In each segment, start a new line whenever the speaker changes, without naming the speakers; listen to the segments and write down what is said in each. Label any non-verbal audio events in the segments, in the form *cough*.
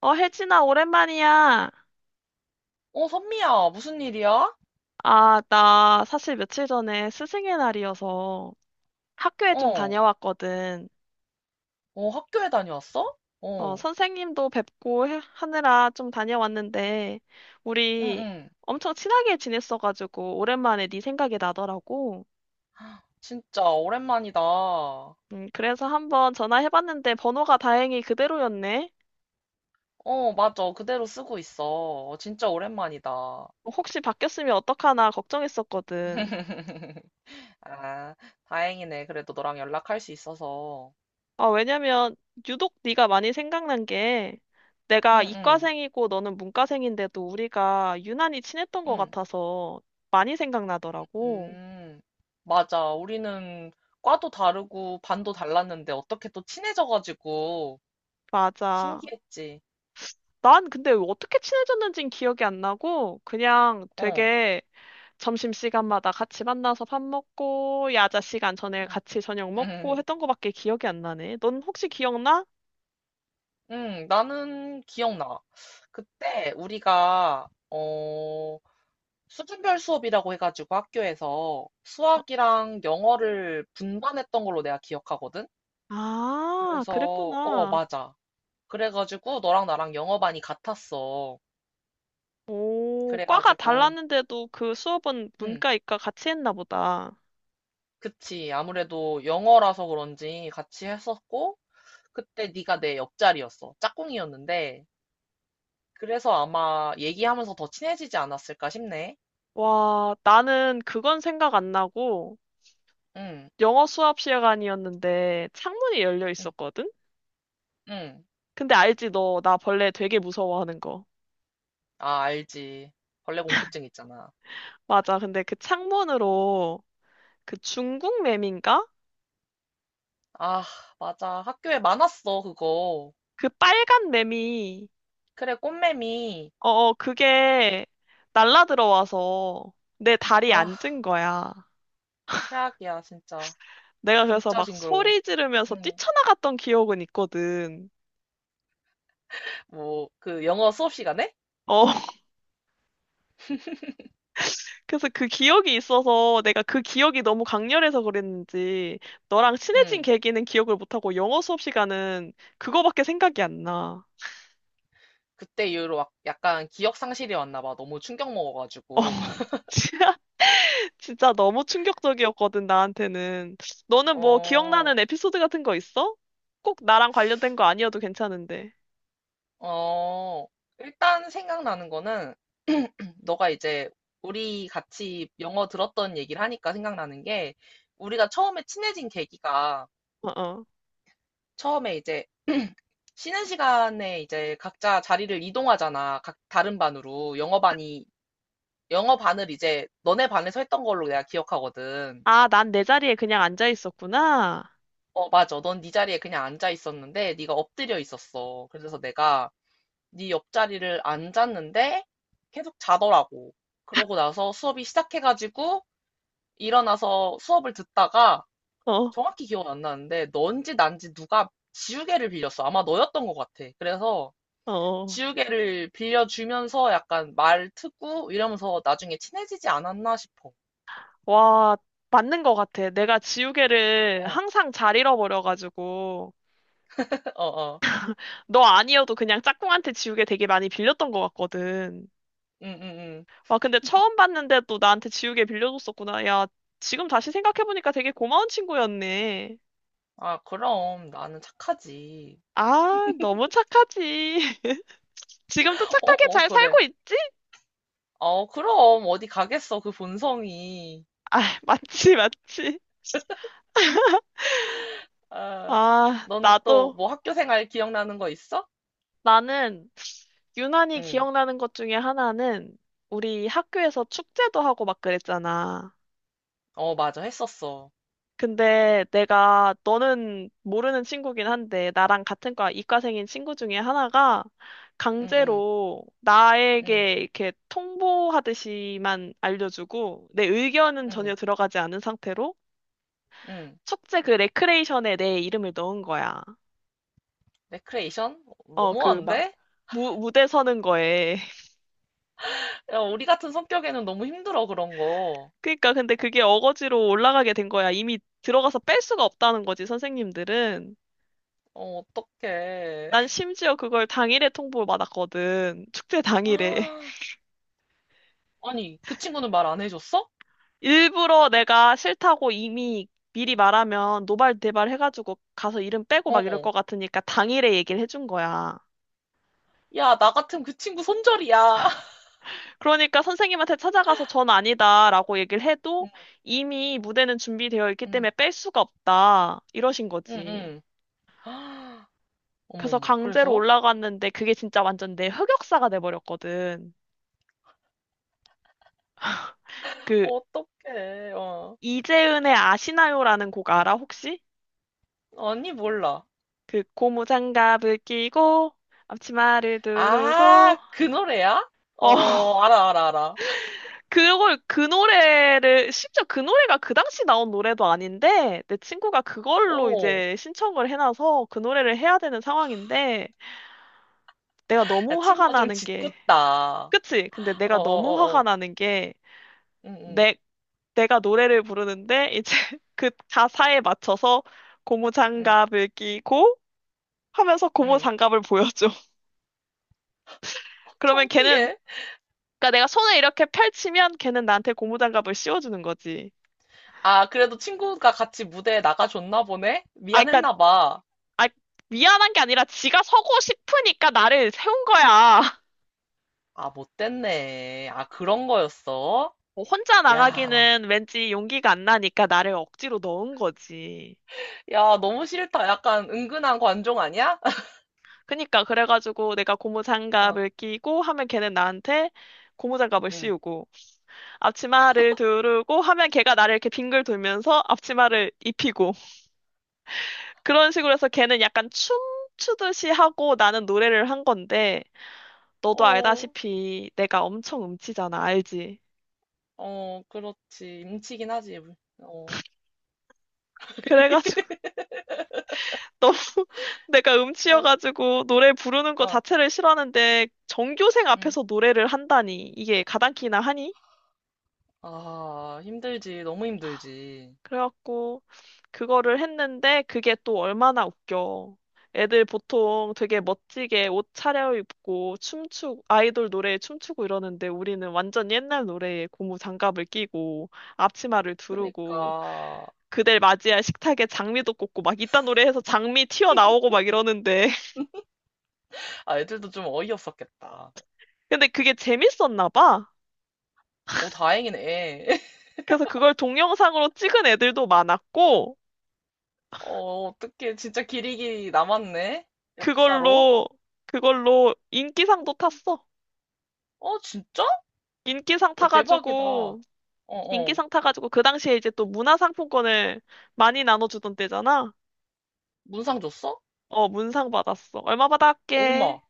혜진아, 오랜만이야.
어, 선미야, 무슨 일이야?
나 사실 며칠 전에 스승의 날이어서 학교에 좀
어,
다녀왔거든.
어, 학교에 다녀왔어? 어,
선생님도 뵙고 하느라 좀 다녀왔는데,
응,
우리
응.
엄청 친하게 지냈어가지고, 오랜만에 네 생각이 나더라고.
진짜 오랜만이다. 어,
그래서 한번 전화해봤는데, 번호가 다행히 그대로였네.
맞아. 그대로 쓰고 있어. 어, 진짜 오랜만이다.
혹시 바뀌었으면 어떡하나 걱정했었거든.
*laughs* 아, 다행이네. 그래도 너랑 연락할 수 있어서.
아, 왜냐면 유독 네가 많이 생각난 게
응,
내가
응,
이과생이고 너는 문과생인데도 우리가 유난히 친했던 것
응,
같아서 많이 생각나더라고.
음. 맞아. 우리는 과도 다르고 반도 달랐는데 어떻게 또 친해져가지고
맞아.
신기했지.
난 근데 어떻게 친해졌는진 기억이 안 나고 그냥
어,
되게 점심시간마다 같이 만나서 밥 먹고 야자 시간 전에 같이 저녁 먹고
응. *laughs*
했던 거밖에 기억이 안 나네. 넌 혹시 기억나?
응, 나는 기억나. 그때 우리가, 어, 수준별 수업이라고 해가지고 학교에서 수학이랑 영어를 분반했던 걸로 내가 기억하거든?
아,
그래서, 어,
그랬구나.
맞아. 그래가지고 너랑 나랑 영어반이 같았어.
오, 과가
그래가지고,
달랐는데도 그 수업은
응,
문과, 이과 같이 했나 보다.
그치. 아무래도 영어라서 그런지 같이 했었고, 그때 네가 내 옆자리였어. 짝꿍이었는데, 그래서 아마 얘기하면서 더 친해지지 않았을까 싶네.
와, 나는 그건 생각 안 나고
응,
영어 수업 시간이었는데 창문이 열려
응,
있었거든?
응.
근데 알지, 너, 나 벌레 되게 무서워하는 거.
아, 알지. 벌레 공포증 있잖아.
맞아, 근데 그 창문으로 그 중국 매미인가?
아, 맞아. 학교에 많았어, 그거.
그 빨간 매미,
그래, 꽃매미.
그게 날라 들어와서 내 다리에
아,
앉은 거야.
최악이야, 진짜.
내가 그래서
진짜
막
징그러워.
소리 지르면서
응.
뛰쳐나갔던 기억은 있거든.
뭐, 그 영어 수업 시간에?
어. 그래서 그 기억이 있어서 내가 그 기억이 너무 강렬해서 그랬는지 너랑 친해진
응.
계기는 기억을 못하고 영어 수업 시간은 그거밖에 생각이 안 나.
그때 이후로 막 약간 기억 상실이 왔나 봐. 너무 충격
어,
먹어가지고. *laughs*
*laughs* 진짜 진짜 너무 충격적이었거든, 나한테는. 너는 뭐
어,
기억나는 에피소드 같은 거 있어? 꼭 나랑 관련된 거 아니어도 괜찮은데.
어. 일단 생각나는 거는, 너가 이제 우리 같이 영어 들었던 얘기를 하니까 생각나는 게, 우리가 처음에 친해진 계기가
어, 어.
처음에 이제 *clears throat* 쉬는 시간에 이제 각자 자리를 이동하잖아. 각 다른 반으로. 영어 반을 이제 너네 반에서 했던 걸로 내가 기억하거든.
아, 난 내 자리에 그냥 앉아 있었구나.
어, 맞아. 넌 네 자리에 그냥 앉아 있었는데 네가 엎드려 있었어. 그래서 내가 네 옆자리를 앉았는데 계속 자더라고. 그러고 나서 수업이 시작해가지고 일어나서 수업을 듣다가
어,
정확히 기억은 안 나는데 넌지 난지 누가 지우개를 빌렸어. 아마 너였던 것 같아. 그래서
어. 어.
지우개를 빌려주면서 약간 말 트고 이러면서 나중에 친해지지 않았나 싶어.
와, 맞는 것 같아. 내가 지우개를
어,
항상 잘 잃어버려가지고.
*laughs* 어, 어.
너 아니어도 그냥 짝꿍한테 지우개 되게 많이 빌렸던 것 같거든.
응, 응, 응.
와, 근데 처음 봤는데 또 나한테 지우개 빌려줬었구나. 야, 지금 다시 생각해보니까 되게 고마운 친구였네.
아, 그럼 나는 착하지.
아, 너무 착하지. *laughs* 지금도
어,
착하게
어,
잘
그래.
살고 있지?
어, 그럼 어디 가겠어, 그 본성이.
아, 맞지, 맞지.
아,
아,
너는 또
나도,
뭐 학교 생활 기억나는 거 있어?
나는 유난히
응.
기억나는 것 중에 하나는 우리 학교에서 축제도 하고 막 그랬잖아.
어, 맞아. 했었어.
근데 내가 너는 모르는 친구긴 한데 나랑 같은 과 이과생인 친구 중에 하나가
응, 응,
강제로
응,
나에게 이렇게 통보하듯이만 알려주고 내 의견은 전혀
응,
들어가지 않은 상태로
응.
숙제 그 레크레이션에 내 이름을 넣은 거야.
레크레이션?
어, 그 막
너무한데?
무대 서는 거에. *laughs*
야, 우리 같은 성격에는 너무 힘들어, 그런 거.
그러니까 근데 그게 어거지로 올라가게 된 거야. 이미 들어가서 뺄 수가 없다는 거지, 선생님들은.
어, 어떡해.
난 심지어 그걸 당일에 통보를 받았거든. 축제 당일에.
*laughs* 아니, 그 친구는 말 안 해줬어?
일부러 내가 싫다고 이미 미리 말하면 노발대발 해가지고 가서 이름 빼고 막 이럴
어.
것 같으니까 당일에 얘기를 해준 거야.
야, 나 같으면 그 친구 손절이야. *laughs*
그러니까 선생님한테 찾아가서 전 아니다라고 얘기를 해도
응,
이미 무대는 준비되어 있기
응,
때문에 뺄 수가 없다. 이러신
응,
거지.
응. *gasps* 아,
그래서
어머머.
강제로
그래서?
올라갔는데 그게 진짜 완전 내 흑역사가 돼버렸거든. 그
어떡해. 어.
이재은의 아시나요라는 곡 알아 혹시?
언니 몰라.
그 고무장갑을 끼고 앞치마를
아,
두르고
그 노래야?
어 *laughs*
어, 알아, 알아, 알아.
그걸 그 노래를 심지어 그 노래가 그 당시 나온 노래도 아닌데 내 친구가 그걸로
오,
이제 신청을 해놔서 그 노래를 해야 되는 상황인데 내가
야,
너무 화가
친구가 좀
나는 게
짓궂다. 어,
그치? 근데
어,
내가 너무
어,
화가
어.
나는 게
응, 응,
내, 내가 노래를 부르는데 이제 *laughs* 그 가사에 맞춰서
응,
고무장갑을 끼고 하면서
응.
고무장갑을 보여줘. *laughs*
*laughs*
그러면 걔는
창피해.
그러니까 내가 손을 이렇게 펼치면 걔는 나한테 고무장갑을 씌워주는 거지.
아, 그래도 친구가 같이 무대에 나가줬나 보네?
아, 그러니까
미안했나 봐.
아, 미안한 게 아니라 지가 서고 싶으니까 나를 세운 거야. *laughs*
아, 못됐네. 아, 그런 거였어?
뭐 혼자
야,
나가기는 왠지 용기가 안 나니까 나를 억지로 넣은 거지.
야, 너무 싫다. 약간 은근한 관종 아니야? *laughs*
그니까, 그래가지고 내가
어,
고무장갑을 끼고 하면 걔는 나한테 고무장갑을
응.
씌우고, 앞치마를 두르고 하면 걔가 나를 이렇게 빙글 돌면서 앞치마를 입히고, 그런 식으로 해서 걔는 약간 춤추듯이 하고 나는 노래를 한 건데, 너도
어,
알다시피 내가 엄청 음치잖아, 알지?
어, 그렇지. 임치긴 하지. 어,
그래가지고. *laughs* 너무 내가
어,
음치여가지고 노래 부르는 거
어,
자체를 싫어하는데 전교생
응
앞에서 노래를 한다니 이게 가당키나 하니?
아, 힘들지. 너무 힘들지.
그래갖고 그거를 했는데 그게 또 얼마나 웃겨. 애들 보통 되게 멋지게 옷 차려입고 춤추고 아이돌 노래에 춤추고 이러는데 우리는 완전 옛날 노래에 고무 장갑을 끼고 앞치마를 두르고
그러니까.
그댈 맞이할 식탁에 장미도 꽂고 막 이딴 노래해서 장미 튀어나오고 막 이러는데 *laughs*
아, 애들도 좀 어이없었겠다.
근데 그게 재밌었나 봐.
오 다행이네. *laughs*
그래서 그걸 동영상으로 찍은 애들도 많았고,
어, 어떡해. 진짜 기리기 남았네. 역사로.
그걸로, 그걸로 인기상도 탔어.
어, 진짜?
인기상
야, 대박이다. 어,
타가지고,
어.
인기상 타가지고, 그 당시에 이제 또 문화상품권을 많이 나눠주던 때잖아.
문상 줬어?
어, 문상 받았어. 얼마 받았게?
얼마?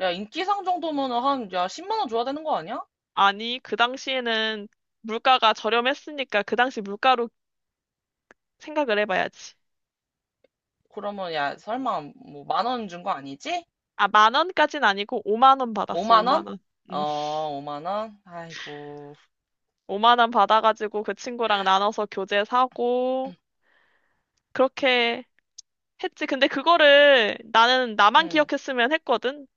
야, 인기상 정도면은 한, 야, 10만 원 줘야 되는 거 아니야?
아니, 그 당시에는 물가가 저렴했으니까 그 당시 물가로 생각을 해봐야지.
그러면 야 설마 뭐 만 원 준거 아니지?
아, 만 원까진 아니고 5만 원 받았어,
5만
5만
원?
원. 음,
어, 5만 원? 아이고.
5만 원 받아가지고 그 친구랑 나눠서 교재 사고,
*clears throat*
그렇게 했지. 근데 그거를 나는 나만
응,
기억했으면 했거든.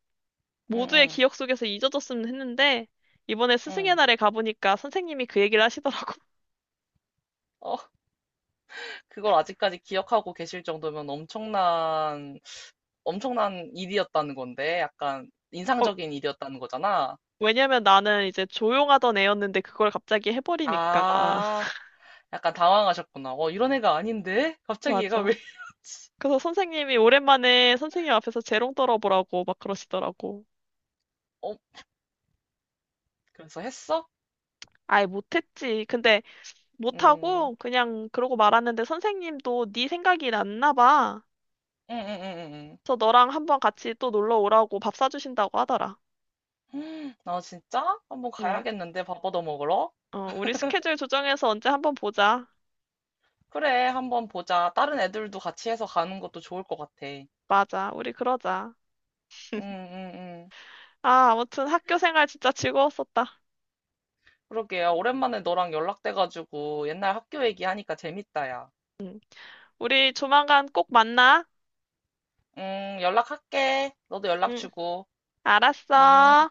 응,
모두의
응,
기억 속에서 잊어졌으면 했는데, 이번에 스승의
응.
날에 가보니까 선생님이 그 얘기를 하시더라고. *laughs*
어, 그걸 아직까지 기억하고 계실 정도면 엄청난 일이었다는 건데, 약간
어,
인상적인 일이었다는 거잖아.
왜냐면 나는 이제 조용하던 애였는데 그걸 갑자기 해버리니까.
아,
*laughs*
약간 당황하셨구나. 어, 이런 애가 아닌데? 갑자기 얘가 왜
맞아.
이러지?
그래서 선생님이 오랜만에 선생님 앞에서 재롱 떨어보라고 막 그러시더라고.
어, 그래서 했어?
아예 못했지. 근데
음,
못하고 그냥 그러고 말았는데 선생님도 네 생각이 났나 봐.
응, 응, 응, 응.
그래서 너랑 한번 같이 또 놀러 오라고 밥 사주신다고 하더라.
응. 나 진짜? 한번
응.
가야겠는데, 밥얻어 먹으러?
어, 우리 스케줄 조정해서 언제 한번 보자.
그래, 한번 보자. 다른 애들도 같이 해서 가는 것도 좋을 것 같아. 응,
맞아, 우리 그러자.
응, 응.
아, 아무튼 학교 생활 진짜 즐거웠었다.
그러게요. 오랜만에 너랑 연락돼가지고 옛날 학교 얘기하니까 재밌다, 야.
우리 조만간 꼭 만나.
연락할게. 너도 연락
응,
주고. 음.
알았어.